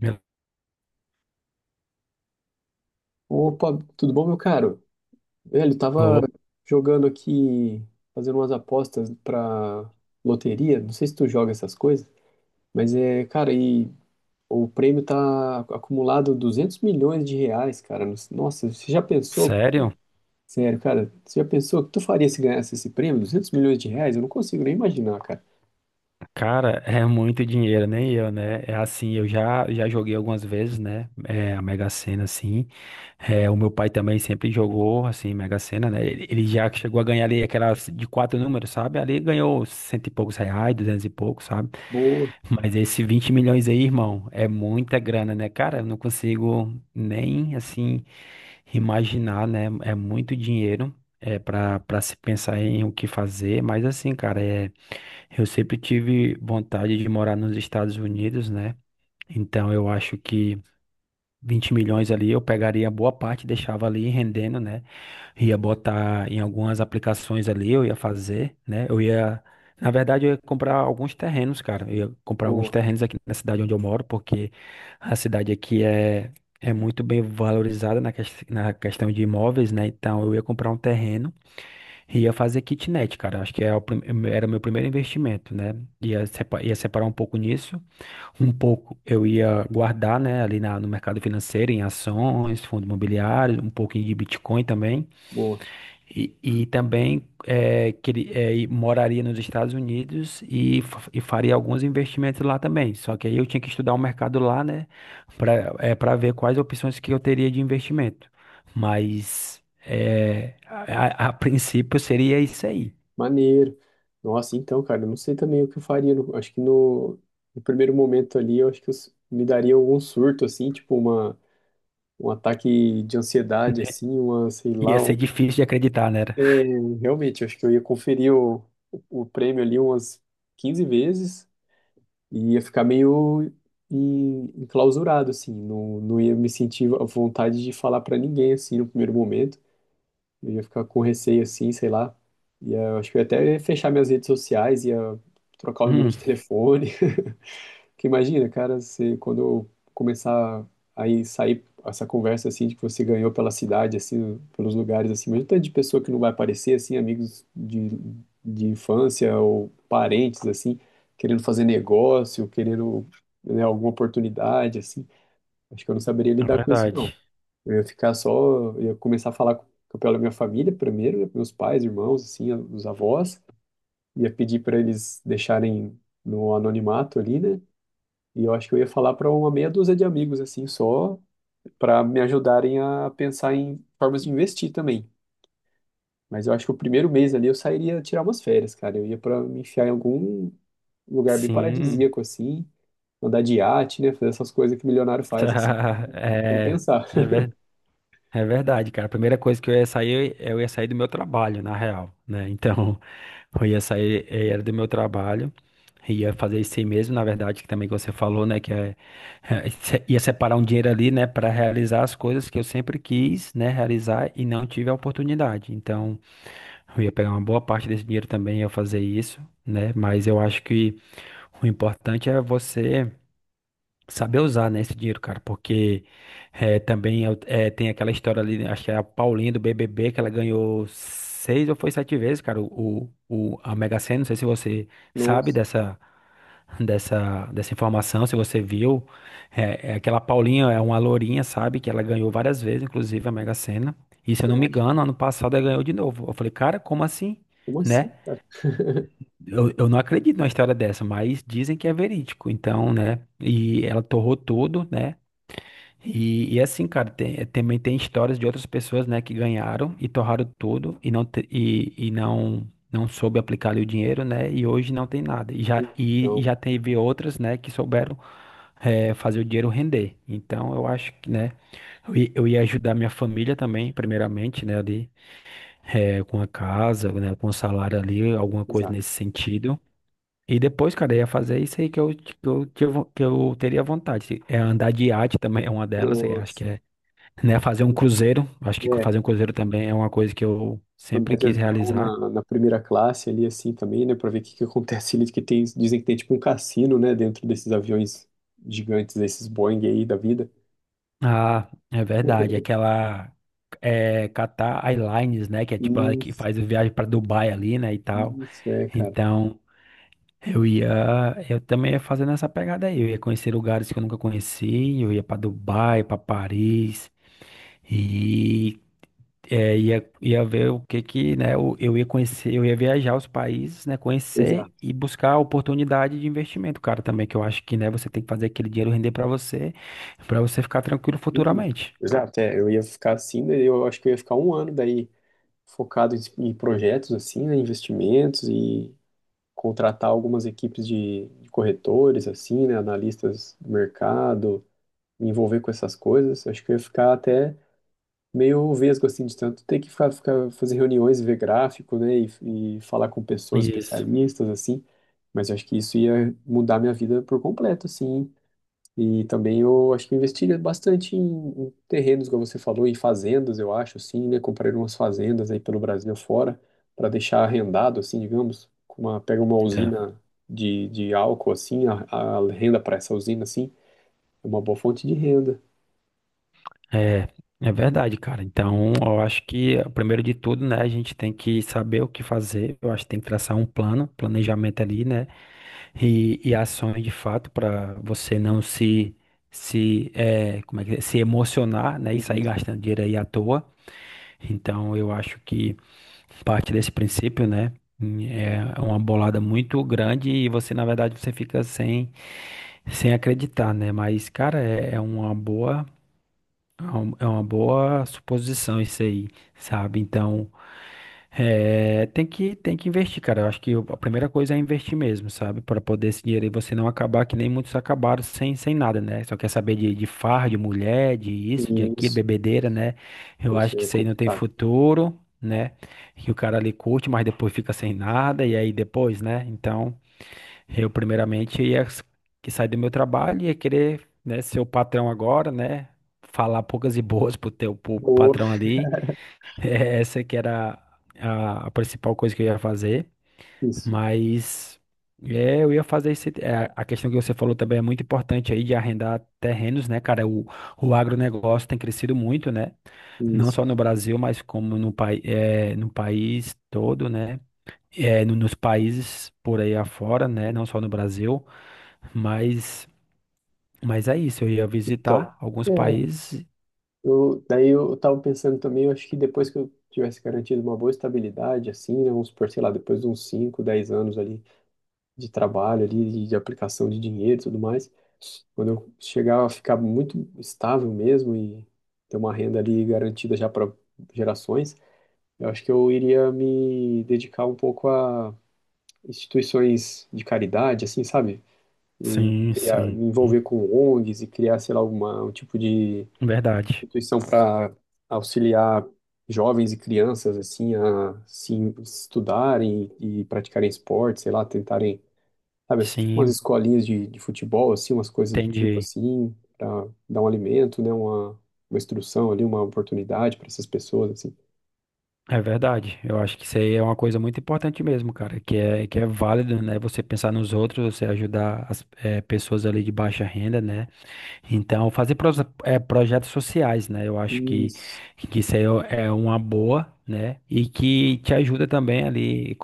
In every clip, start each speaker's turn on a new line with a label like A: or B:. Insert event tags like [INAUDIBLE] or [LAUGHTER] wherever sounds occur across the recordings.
A: Meu-
B: Opa, tudo bom, meu caro? Velho, tava jogando aqui, fazendo umas apostas pra loteria. Não sei se tu joga essas coisas, mas é, cara, e o prêmio tá acumulado 200 milhões de reais, cara. Nossa, você já pensou?
A: Sério?
B: Sério, cara, você já pensou o que tu faria se ganhasse esse prêmio? 200 milhões de reais? Eu não consigo nem imaginar, cara.
A: Cara, [LAUGHS] é muito dinheiro, nem eu, né? É assim, eu já joguei algumas vezes, né? É, a Mega Sena, assim. É, o meu pai também sempre jogou, assim, Mega Sena, né? Ele já chegou a ganhar ali aquelas de quatro números, sabe? Ali ganhou cento e poucos reais, duzentos e poucos, sabe?
B: Boa,
A: Mas esse 20 milhões aí, irmão, é muita grana, né? Cara, eu não consigo nem, assim, imaginar, né? É muito dinheiro, é, para se pensar em o que fazer, mas assim, cara, é eu sempre tive vontade de morar nos Estados Unidos, né? Então eu acho que 20 milhões ali eu pegaria boa parte, deixava ali rendendo, né? Ia botar em algumas aplicações ali, eu ia fazer, né? Eu ia, na verdade, eu ia comprar alguns terrenos, cara. Eu ia comprar alguns
B: boa,
A: terrenos aqui na cidade onde eu moro, porque a cidade aqui é muito bem valorizada na na questão de imóveis, né? Então eu ia comprar um terreno. Ia fazer kitnet, cara. Acho que era o meu primeiro investimento, né? Ia separar um pouco nisso. Um pouco eu ia guardar, né, ali no mercado financeiro, em ações, fundos imobiliários, um pouquinho de Bitcoin também.
B: boa.
A: E também é, que ele, é, e moraria nos Estados Unidos e, e faria alguns investimentos lá também. Só que aí eu tinha que estudar o mercado lá, né, para ver quais opções que eu teria de investimento. Mas. É, a, a princípio seria isso aí.
B: Maneiro. Nossa, então, cara, eu não sei também o que eu faria. Acho que no primeiro momento ali, eu acho que eu me daria algum surto, assim, tipo um ataque de ansiedade,
A: Né?
B: assim, sei
A: Ia
B: lá.
A: ser difícil de acreditar, né?
B: É, realmente, eu acho que eu ia conferir o prêmio ali umas 15 vezes e ia ficar meio enclausurado, assim, não ia me sentir à vontade de falar pra ninguém, assim, no primeiro momento. Eu ia ficar com receio assim, sei lá. E eu acho que eu ia até fechar minhas redes sociais, ia trocar o número
A: Hum,
B: de telefone. [LAUGHS] Porque imagina, cara, quando eu começar aí sair essa conversa assim de que você ganhou pela cidade, assim, pelos lugares, assim, mas o tanto de pessoa que não vai aparecer, assim, amigos de infância ou parentes, assim, querendo fazer negócio, querendo, né, alguma oportunidade, assim. Acho que eu não saberia
A: é
B: lidar com isso, não.
A: verdade.
B: Eu ia ficar só, ia começar a falar com o pessoal da minha família primeiro, né? Meus pais, irmãos, assim, os avós. Ia pedir para eles deixarem no anonimato ali, né? E eu acho que eu ia falar para uma meia dúzia de amigos, assim, só para me ajudarem a pensar em formas de investir também. Mas eu acho que o primeiro mês ali eu sairia tirar umas férias, cara. Eu ia para me enfiar em algum lugar bem
A: Sim.
B: paradisíaco, assim, andar de iate, né? Fazer essas coisas que milionário faz, assim,
A: [LAUGHS]
B: sem
A: É,
B: pensar.
A: é, ver- é verdade, cara. A primeira coisa que eu ia sair do meu trabalho, na real, né? Então, [LAUGHS] eu ia sair, eu ia do meu trabalho, ia fazer isso aí mesmo, na verdade, que também que você falou, né? Que ia separar um dinheiro ali, né? Para realizar as coisas que eu sempre quis, né? Realizar e não tive a oportunidade. Então, eu ia pegar uma boa parte desse dinheiro também, ia fazer isso, né? Mas eu acho que o importante é você saber usar, né, esse dinheiro, cara, porque também tem aquela história ali, né, acho que é a Paulinha do BBB, que ela ganhou seis ou foi sete vezes, cara, a Mega Sena, não sei se você sabe
B: Nossa,
A: dessa informação, se você viu, é aquela Paulinha é uma lourinha, sabe, que ela ganhou várias vezes, inclusive a Mega Sena, e se eu
B: você
A: não me
B: acha?
A: engano, ano passado ela ganhou de novo, eu falei, cara, como assim?
B: Como
A: Né?
B: assim, cara? [LAUGHS]
A: Eu não acredito numa história dessa, mas dizem que é verídico, então, né? E ela torrou tudo, né? E assim, cara, também tem histórias de outras pessoas, né, que ganharam e torraram tudo e não soube aplicar ali o dinheiro, né? E hoje não tem nada. E já, e, e
B: Então,
A: já teve outras, né, que souberam fazer o dinheiro render. Então, eu acho que, né, eu ia ajudar minha família também, primeiramente, né, ali, com a casa, né, com o salário ali, alguma coisa
B: exato.
A: nesse sentido. E depois, cara, eu ia fazer isso aí que eu teria vontade. É andar de iate também, é uma delas. Eu acho
B: Nossa.
A: que é, né, fazer um cruzeiro. Acho que
B: É,
A: fazer um cruzeiro também é uma coisa que eu
B: andar
A: sempre
B: de
A: quis
B: avião
A: realizar.
B: na primeira classe ali assim também, né, pra ver o que que acontece ali, dizem que tem tipo um cassino, né, dentro desses aviões gigantes, esses Boeing aí da vida.
A: Ah, é verdade.
B: [LAUGHS]
A: Aquela é, Qatar Airlines, né, que é tipo a que
B: Isso,
A: faz a viagem para Dubai ali, né, e tal.
B: isso é, cara.
A: Então, eu ia, eu também ia fazendo essa pegada aí. Eu ia conhecer lugares que eu nunca conheci. Eu ia para Dubai, para Paris. E é, ia ver o que que, né, eu ia conhecer, eu ia viajar os países, né, conhecer
B: Exato.
A: e buscar oportunidade de investimento, cara, também, que eu acho que, né, você tem que fazer aquele dinheiro render pra você ficar tranquilo
B: Isso,
A: futuramente.
B: exato, é, eu ia ficar assim, né, eu acho que eu ia ficar um ano daí focado em projetos assim, né, investimentos e contratar algumas equipes de corretores assim, né, analistas do mercado me envolver com essas coisas. Acho que eu ia ficar até meio vesgo, assim, de tanto ter que ficar, fazer reuniões, ver gráfico, né, e falar com pessoas
A: Isso.
B: especialistas, assim. Mas eu acho que isso ia mudar minha vida por completo, assim. E também eu acho que eu investiria bastante em terrenos, como você falou, em fazendas, eu acho, assim, né? Comprar umas fazendas aí pelo Brasil fora, para deixar arrendado, assim, digamos, com pega uma
A: É,
B: usina de álcool, assim, a renda para essa usina, assim, é uma boa fonte de renda.
A: é, é verdade, cara. Então, eu acho que, primeiro de tudo, né, a gente tem que saber o que fazer, eu acho que tem que traçar um plano, planejamento ali, né. E ações de fato para você não se se é, como é que é? Se emocionar, né, e sair gastando dinheiro aí à toa. Então eu acho que parte desse princípio, né, é uma bolada muito grande e você na verdade você fica sem acreditar, né? Mas cara, é, uma boa, é uma boa suposição isso aí, sabe? Então, é, tem que investir, cara. Eu acho que a primeira coisa é investir mesmo, sabe? Para poder esse dinheiro aí você não acabar que nem muitos acabaram sem nada, né? Só quer saber de farra, de mulher, de isso, de aquilo,
B: Isso,
A: bebedeira, né? Eu
B: isso
A: acho que
B: é
A: isso aí não tem
B: complicado.
A: futuro, né? Que o cara ali curte, mas depois fica sem nada, e aí depois, né? Então. Eu, primeiramente, ia s- que sair do meu trabalho e ia querer, né, ser o patrão agora, né? Falar poucas e boas pro
B: Boa,
A: patrão ali. [LAUGHS] Essa que era a principal coisa que eu ia fazer.
B: isso,
A: Mas é, eu ia fazer isso. É, a questão que você falou também é muito importante aí de arrendar terrenos, né, cara? O agronegócio tem crescido muito, né? Não só
B: isso.
A: no Brasil, mas como no, pai, é, no país todo, né? É, nos países por aí afora, né?
B: Isso.
A: Não só no Brasil. Mas, mas é isso, eu ia
B: Então,
A: visitar alguns
B: é,
A: países.
B: daí eu tava pensando também, eu acho que depois que eu tivesse garantido uma boa estabilidade, assim, né, vamos supor, sei lá, depois de uns 5, 10 anos ali de trabalho, ali, de aplicação de dinheiro e tudo mais, quando eu chegar a ficar muito estável mesmo e ter uma renda ali garantida já para gerações, eu acho que eu iria me dedicar um pouco a instituições de caridade, assim, sabe? E
A: Sim,
B: criar,
A: sim,
B: me envolver com ONGs e criar, sei lá, alguma, um tipo de
A: verdade.
B: instituição para auxiliar jovens e crianças, assim, a se estudarem e praticarem esporte, sei lá, tentarem, sabe, assim, tipo umas
A: Sim,
B: escolinhas de futebol, assim, umas coisas do tipo,
A: entendi.
B: assim, para dar um alimento, né, uma instrução ali, uma oportunidade para essas pessoas, assim.
A: É verdade. Eu acho que isso aí é uma coisa muito importante mesmo, cara, que é válido, né? Você pensar nos outros, você ajudar as pessoas ali de baixa renda, né? Então, fazer projetos sociais, né? Eu acho que,
B: Isso,
A: que isso aí é uma boa, né? E que te ajuda também ali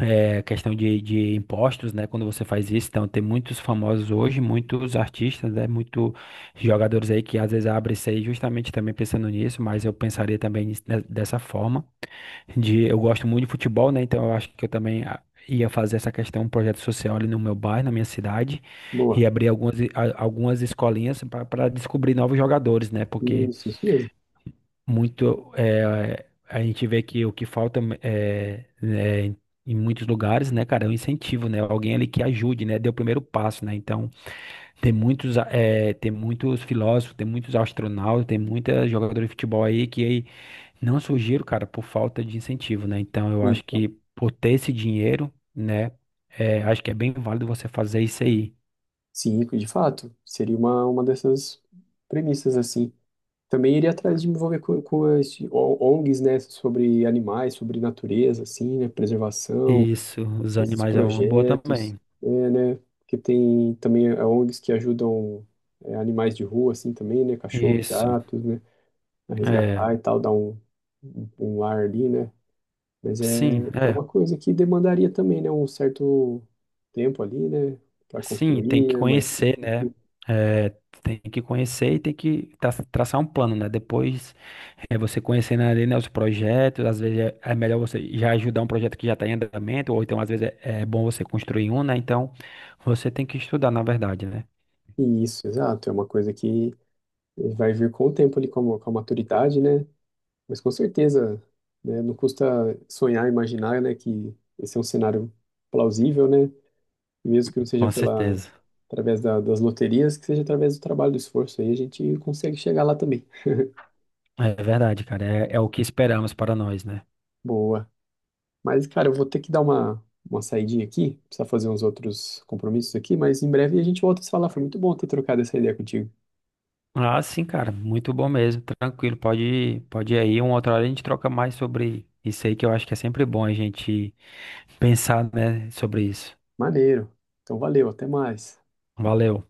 A: é, questão de impostos, né? Quando você faz isso, então tem muitos famosos hoje, muitos artistas, né? Muitos jogadores aí que às vezes abrem isso aí justamente também pensando nisso, mas eu pensaria também nisso dessa forma. De, eu gosto muito de futebol, né? Então eu acho que eu também ia fazer essa questão, um projeto social ali no meu bairro, na minha cidade,
B: boa.
A: e abrir algumas escolinhas para descobrir novos jogadores, né? Porque
B: Isso mesmo.
A: muito é, a gente vê que o que falta é, em muitos lugares, né, cara, é um incentivo, né, alguém ali que ajude, né, dê o primeiro passo, né, então tem muitos filósofos, tem muitos astronautas, tem muita jogadora de futebol aí que aí não surgiram, cara, por falta de incentivo, né, então eu
B: Sim,
A: acho
B: então,
A: que por ter esse dinheiro, né, é, acho que é bem válido você fazer isso aí.
B: sim, de fato, seria uma dessas premissas, assim. Também iria atrás de me envolver com ONGs, né, sobre animais, sobre natureza, assim, né, preservação,
A: Isso, os
B: esses
A: animais é uma boa
B: projetos,
A: também.
B: é, né, que tem também ONGs que ajudam animais de rua, assim, também, né, cachorros,
A: Isso,
B: gatos, né, a
A: é,
B: resgatar e tal, dar um, um lar ali, né, mas é,
A: sim,
B: é
A: é.
B: uma coisa que demandaria também, né, um certo tempo ali, né, para
A: Sim, tem
B: construir,
A: que
B: né, uma equipe,
A: conhecer, né? É, tem que conhecer e tem que traçar um plano, né? Depois, é, você conhecendo ali, né, os projetos, às vezes é melhor você já ajudar um projeto que já está em andamento, ou então às vezes é bom você construir um, né? Então, você tem que estudar, na verdade, né?
B: e isso, exato, é uma coisa que vai vir com o tempo ali, com a maturidade, né, mas com certeza, né, não custa sonhar, imaginar, né, que esse é um cenário plausível, né? E mesmo que não seja
A: Com
B: pela
A: certeza.
B: através das loterias, que seja através do trabalho, do esforço, aí a gente consegue chegar lá também.
A: É verdade, cara. É o que esperamos para nós, né?
B: Boa. Mas, cara, eu vou ter que dar uma saidinha aqui, precisar fazer uns outros compromissos aqui, mas em breve a gente volta a se falar. Foi muito bom ter trocado essa ideia contigo.
A: Ah, sim, cara. Muito bom mesmo. Tranquilo. Pode ir aí. Uma outra hora a gente troca mais sobre isso aí, que eu acho que é sempre bom a gente pensar, né, sobre isso.
B: Maneiro. Então, valeu, até mais.
A: Valeu.